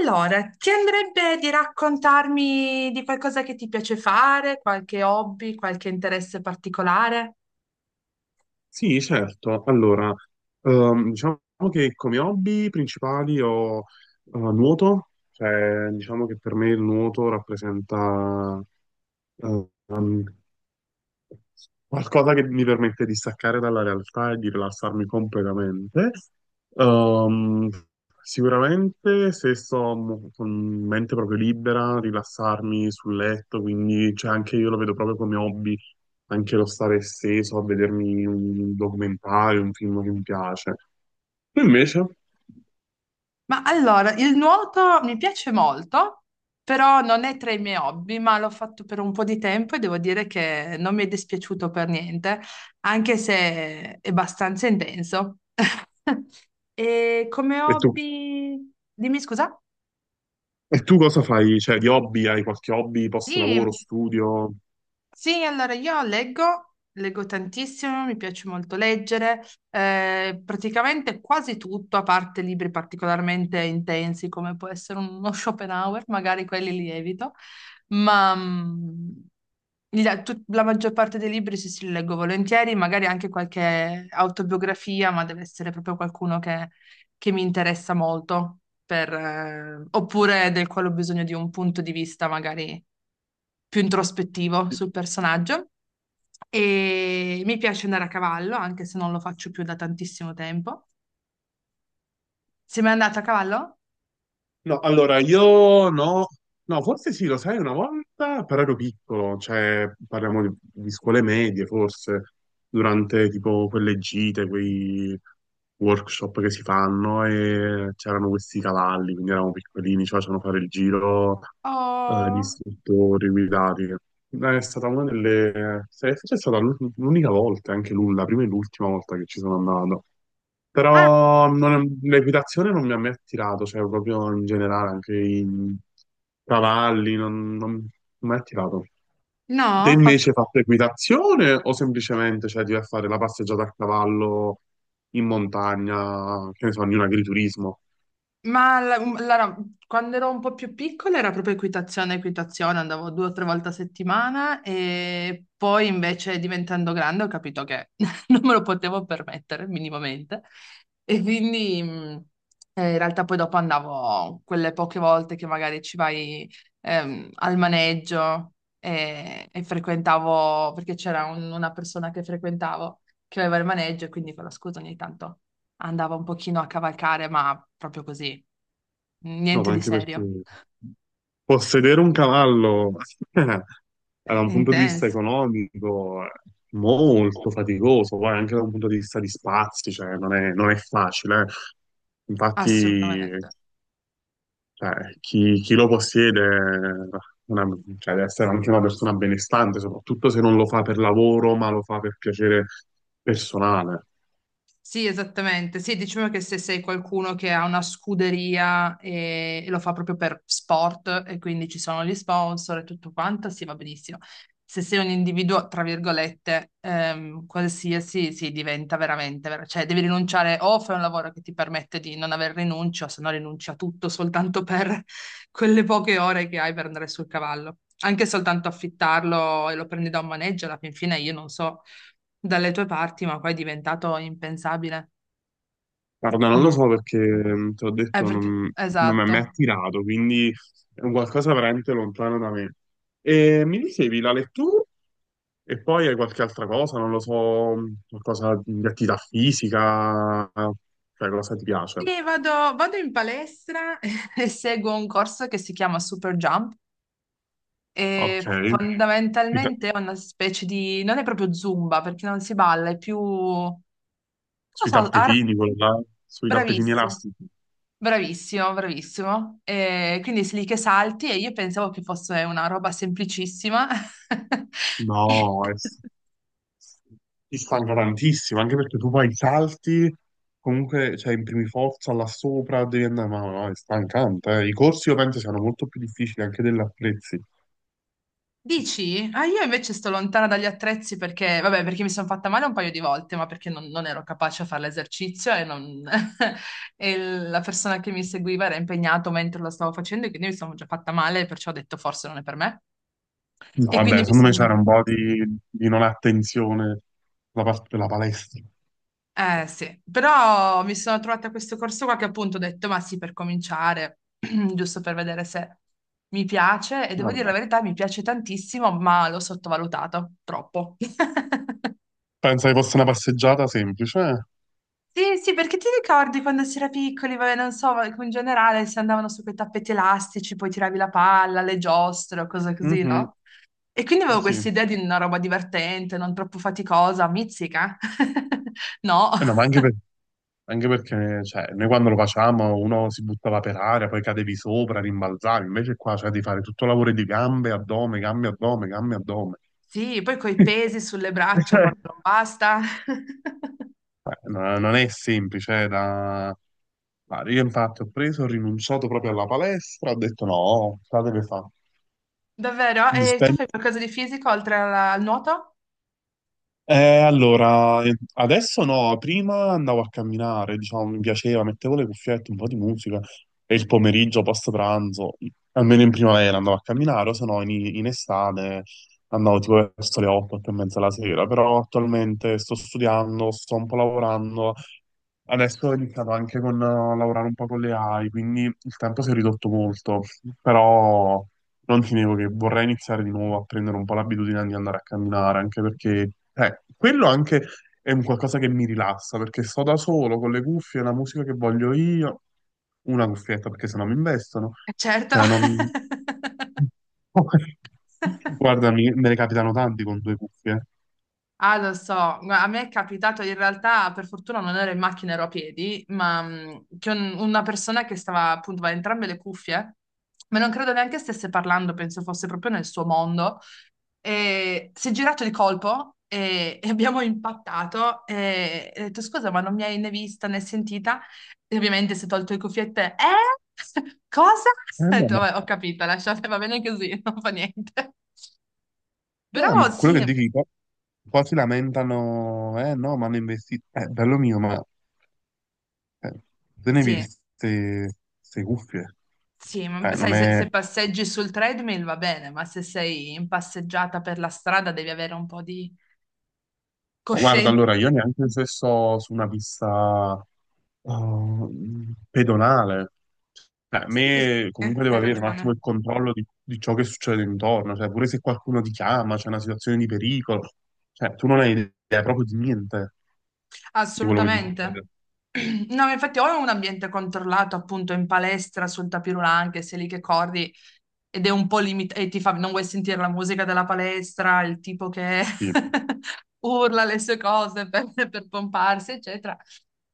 Allora, ti andrebbe di raccontarmi di qualcosa che ti piace fare, qualche hobby, qualche interesse particolare? Sì, certo. Allora, diciamo che come hobby principali ho nuoto, cioè diciamo che per me il nuoto rappresenta eh, qualcosa che mi permette di staccare dalla realtà e di rilassarmi completamente. Ehm, Sicuramente se sto con mente proprio libera, rilassarmi sul letto, quindi cioè, anche io lo vedo proprio come hobby, anche lo stare steso a vedermi un documentario, un film che mi piace. Tu invece? Ma allora, il nuoto mi piace molto, però non è tra i miei hobby, ma l'ho fatto per un po' di tempo e devo dire che non mi è dispiaciuto per niente, anche se è abbastanza intenso. E come E tu? hobby... Dimmi scusa? E tu cosa fai? Cioè, di hobby? Hai qualche hobby post Sì. lavoro, studio? Sì, allora io leggo tantissimo, mi piace molto leggere, praticamente quasi tutto, a parte libri particolarmente intensi come può essere uno Schopenhauer, magari quelli li evito, ma la maggior parte dei libri sì, li leggo volentieri, magari anche qualche autobiografia, ma deve essere proprio qualcuno che mi interessa molto, per, oppure del quale ho bisogno di un punto di vista magari più introspettivo sul personaggio. E mi piace andare a cavallo, anche se non lo faccio più da tantissimo tempo. Sei mai andato a cavallo? No, allora io no, no, forse sì, lo sai, una volta, però ero piccolo, cioè parliamo di scuole medie, forse, durante tipo quelle gite, quei workshop che si fanno e c'erano questi cavalli, quindi eravamo piccolini, ci facevano fare il giro gli Oh. istruttori guidati. È stata una delle... forse è stata l'unica volta, anche la prima e l'ultima volta che ci sono andato. Ah, Però l'equitazione non mi ha mai attirato, cioè proprio in generale, anche i cavalli, non mi ha mai attirato. Te no? invece hai fatto equitazione o semplicemente cioè, ti vai a fare la passeggiata a cavallo in montagna, che ne so, in un agriturismo? Ma allora, quando ero un po' più piccola era proprio equitazione, andavo due o tre volte a settimana e poi invece diventando grande ho capito che non me lo potevo permettere minimamente e quindi in realtà poi dopo andavo quelle poche volte che magari ci vai al maneggio e frequentavo, perché c'era una persona che frequentavo che aveva il maneggio e quindi con la scusa ogni tanto andava un pochino a cavalcare, ma proprio così, No, niente ma di anche perché serio, possedere un cavallo da è un punto di vista intenso, economico è molto faticoso, poi anche da un punto di vista di spazi, cioè non è facile. Infatti, assolutamente. cioè, chi lo possiede è una- cioè, deve essere anche una persona benestante, soprattutto se non lo fa per lavoro, ma lo fa per piacere personale. Sì, esattamente. Sì, diciamo che se sei qualcuno che ha una scuderia e lo fa proprio per sport e quindi ci sono gli sponsor e tutto quanto, sì, va benissimo. Se sei un individuo, tra virgolette, qualsiasi, sì, diventa veramente, cioè devi rinunciare o fai un lavoro che ti permette di non aver rinuncio, se no rinunci a tutto soltanto per quelle poche ore che hai per andare sul cavallo. Anche soltanto affittarlo e lo prendi da un maneggio, alla fin fine io non so dalle tue parti, ma poi è diventato impensabile. Guarda, Ah, non lo no. so perché, te l'ho detto, Perché... non mi ha Esatto. mai attirato, quindi è un qualcosa veramente lontano da me. E mi dicevi la lettura e poi hai qualche altra cosa, non lo so, qualcosa di attività fisica, cioè cosa ti piace? Sì, vado in palestra e seguo un corso che si chiama Super Jump Ok, e sui ta- fondamentalmente è una specie di... non è proprio Zumba perché non si balla, è più... non lo sui so, ar- tappetini, quello là, sui tappetini bravissimo, elastici. bravissimo, bravissimo. E quindi sei lì che salti e io pensavo che fosse una roba semplicissima. E- No, ti stanca tantissimo, anche perché tu fai i salti, comunque cioè, imprimi forza là sopra, devi andare, ma no, è stancante. I corsi io penso siano molto più difficili anche degli attrezzi. Dici? Ah, io invece sto lontana dagli attrezzi perché, vabbè, perché mi sono fatta male un paio di volte, ma perché non ero capace a fare l'esercizio e, non- e la persona che mi seguiva era impegnato mentre lo stavo facendo e quindi mi sono già fatta male, perciò ho detto forse non è per me. No, E vabbè, quindi mi secondo me c'era sono... un po' di non attenzione da parte della palestra. Eh sì, però mi sono trovata a questo corso qua che appunto ho detto, ma sì, per cominciare, giusto per vedere se mi piace e devo dire Vabbè. la verità, mi piace tantissimo, ma l'ho sottovalutato troppo. Penso che fosse una passeggiata semplice. Sì, perché ti ricordi quando si era piccoli, vabbè, non so, ma in generale si andavano su quei tappeti elastici, poi tiravi la palla, le giostre o cose così, Mhm, no? E quindi oh avevo sì. questa idea di una roba divertente, non troppo faticosa, mizzica. No. Eh no, ma anche, anche perché cioè, noi quando lo facciamo uno si buttava per aria, poi cadevi sopra, rimbalzavi, invece qua cioè, devi fare tutto il lavoro di gambe, addome, gambe, addome, gambe, addome. Sì, poi coi pesi sulle braccia Eh, quando non basta. No, non è semplice, ma io infatti ho rinunciato proprio alla palestra, ho detto no, la deve fare. Davvero? Mi E tu dispen- fai qualcosa di fisico oltre al nuoto? Allora, adesso no, prima andavo a camminare, diciamo, mi piaceva, mettevo le cuffiette, un po' di musica e il pomeriggio, post pranzo, almeno in primavera andavo a camminare, o se no in estate andavo tipo verso le 8, 8 e mezza la sera, però attualmente sto studiando, sto un po' lavorando. Adesso ho iniziato anche con lavorare un po' con le AI, quindi il tempo si è ridotto molto, però non ti nego che vorrei iniziare di nuovo a prendere un po' l'abitudine di andare a camminare, anche perché quello anche è un qualcosa che mi rilassa, perché sto da solo con le cuffie, la musica che voglio io, una cuffietta perché sennò mi investono, Certo. cioè non. Guarda, me ne capitano tanti con due cuffie. Ah, lo so, Gua- a me è capitato in realtà, per fortuna non ero in macchina, ero a piedi, ma che una persona che stava appunto aveva entrambe le cuffie, ma non credo neanche stesse parlando, penso fosse proprio nel suo mondo, e si è girato di colpo e abbiamo impattato e ho detto scusa, ma non mi hai né vista né sentita? E ovviamente si è tolto le cuffiette, eh? Cosa? Ho No, detto, ma. "Vabbè, ho capito, lasciate, va bene così, non fa niente. No, Però quello sì, che dici, qua si lamentano, eh no, ma hanno investito, bello mio, ma eh, te ne hai sì. viste queste cuffie? Sì, ma Non sai, è, ma. se passeggi sul treadmill va bene, ma se sei in passeggiata per la strada devi avere un po' di Guarda, coscienza. allora, io neanche se sto su una pista pedonale, cioè, a Sì, sì, me sì, comunque devo hai avere un ragione. attimo il controllo di ciò che succede intorno, cioè pure se qualcuno ti chiama, c'è una situazione di pericolo, cioè tu non hai idea proprio di niente di quello che ti Assolutamente. succede. No, ma infatti o è un ambiente controllato appunto in palestra sul tapis roulant che sei lì che corri ed è un po' limitato e ti fa non vuoi sentire la musica della palestra, il tipo che Sì. urla le sue cose per pomparsi, eccetera.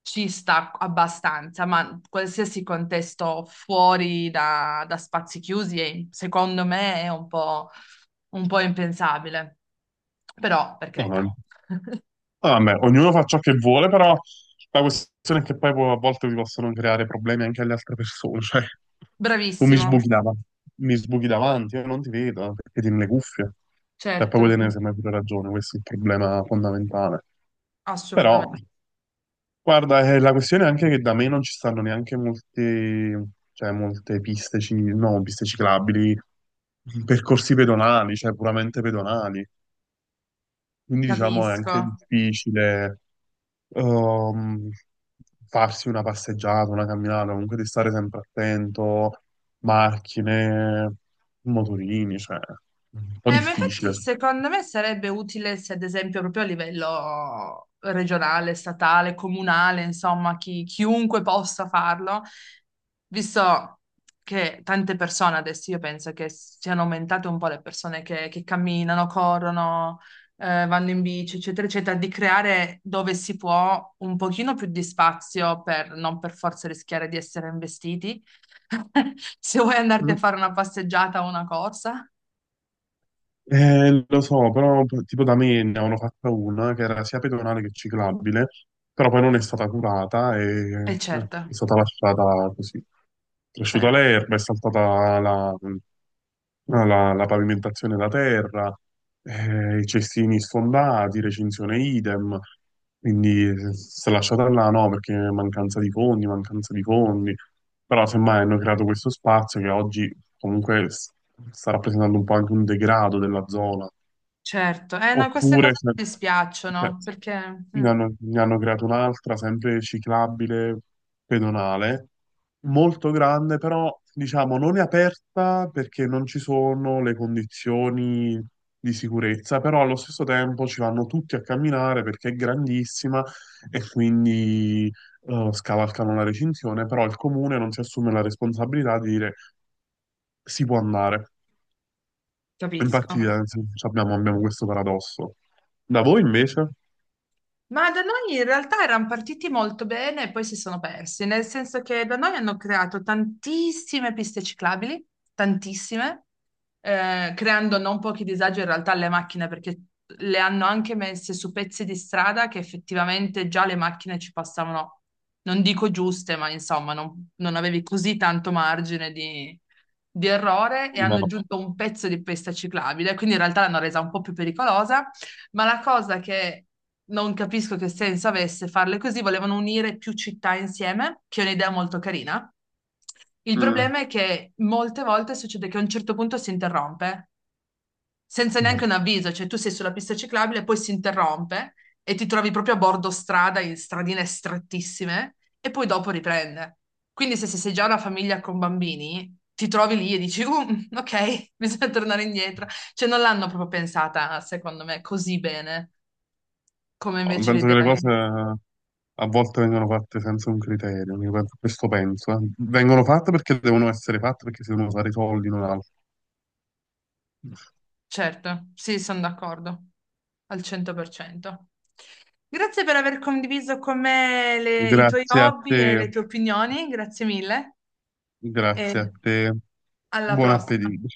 Ci sta abbastanza, ma qualsiasi contesto fuori da spazi chiusi, è- secondo me, è un po' impensabile. Però, per No, carità, no, vabbè, ognuno fa ciò che vuole, però la questione è che poi a volte vi possono creare problemi anche alle altre persone. Cioè, tu bravissimo. Mi sbuchi davanti, io non ti vedo perché tieni le cuffie. E Certo, poi te ne sembra pure ragione, questo è il problema fondamentale. Però, assolutamente, guarda, la questione è anche che da me non ci stanno neanche molte, cioè, molte piste, no, piste ciclabili, percorsi pedonali, cioè puramente pedonali. Quindi diciamo è anche capisco. difficile ehm, farsi una passeggiata, una camminata, comunque di stare sempre attento, macchine, motorini, cioè, un po' Ma difficile. infatti secondo me sarebbe utile se ad esempio proprio a livello regionale, statale, comunale, insomma, chiunque possa farlo, visto che tante persone adesso io penso che siano aumentate un po' le persone che camminano, corrono, vanno in bici, eccetera, eccetera, di creare dove si può un pochino più di spazio per non per forza rischiare di essere investiti, se vuoi andarti Mm. a fare una passeggiata o una corsa, Lo so, però tipo da me ne hanno fatta una che era sia pedonale che ciclabile, però poi non è stata curata e e certo. è stata lasciata così. È cresciuta Certo, l'erba, è saltata la pavimentazione da terra, i cestini sfondati, recinzione idem, quindi si è lasciata là no, perché mancanza di fondi, però semmai hanno creato questo spazio che oggi comunque sta rappresentando un po' anche un degrado della zona. certo. Eh no, queste Oppure cose ce ne, mi eh, dispiacciono perché mm, ne hanno creato un'altra, sempre ciclabile, pedonale, molto grande, però diciamo non è aperta perché non ci sono le condizioni di sicurezza, però allo stesso tempo ci vanno tutti a camminare perché è grandissima e quindi scavalcano la recinzione, però il comune non si assume la responsabilità di dire si può andare. capisco. Infatti, sì, abbiamo questo paradosso. Da voi invece? Ma da noi in realtà erano partiti molto bene e poi si sono persi, nel senso che da noi hanno creato tantissime piste ciclabili, tantissime, creando non pochi disagi in realtà alle macchine perché le hanno anche messe su pezzi di strada che effettivamente già le macchine ci passavano, non dico giuste, ma insomma non avevi così tanto margine di errore e Prima hanno no. aggiunto un pezzo di pista ciclabile, quindi in realtà l'hanno resa un po' più pericolosa ma la cosa che non capisco che senso avesse farle così, volevano unire più città insieme, che è un'idea molto carina. Il Mm. problema è che molte volte succede che a un certo punto si interrompe senza neanche No, un avviso, cioè tu sei sulla pista ciclabile, poi si interrompe e ti trovi proprio a bordo strada, in stradine strettissime, e poi dopo riprende. Quindi se sei già una famiglia con bambini, ti trovi lì e dici, mm, ok, bisogna tornare indietro. Cioè non l'hanno proprio pensata, secondo me, così bene, come invece penso che le l'idea. cose a volte vengono fatte senza un criterio, questo penso. Vengono fatte perché devono essere fatte, perché si devono fare i soldi, non altro. Certo, sì, sono d'accordo, al 100%. Grazie per aver condiviso con me i tuoi Grazie a hobby e te, le tue opinioni, grazie mille. grazie E a te. alla Buon prossima. appetito.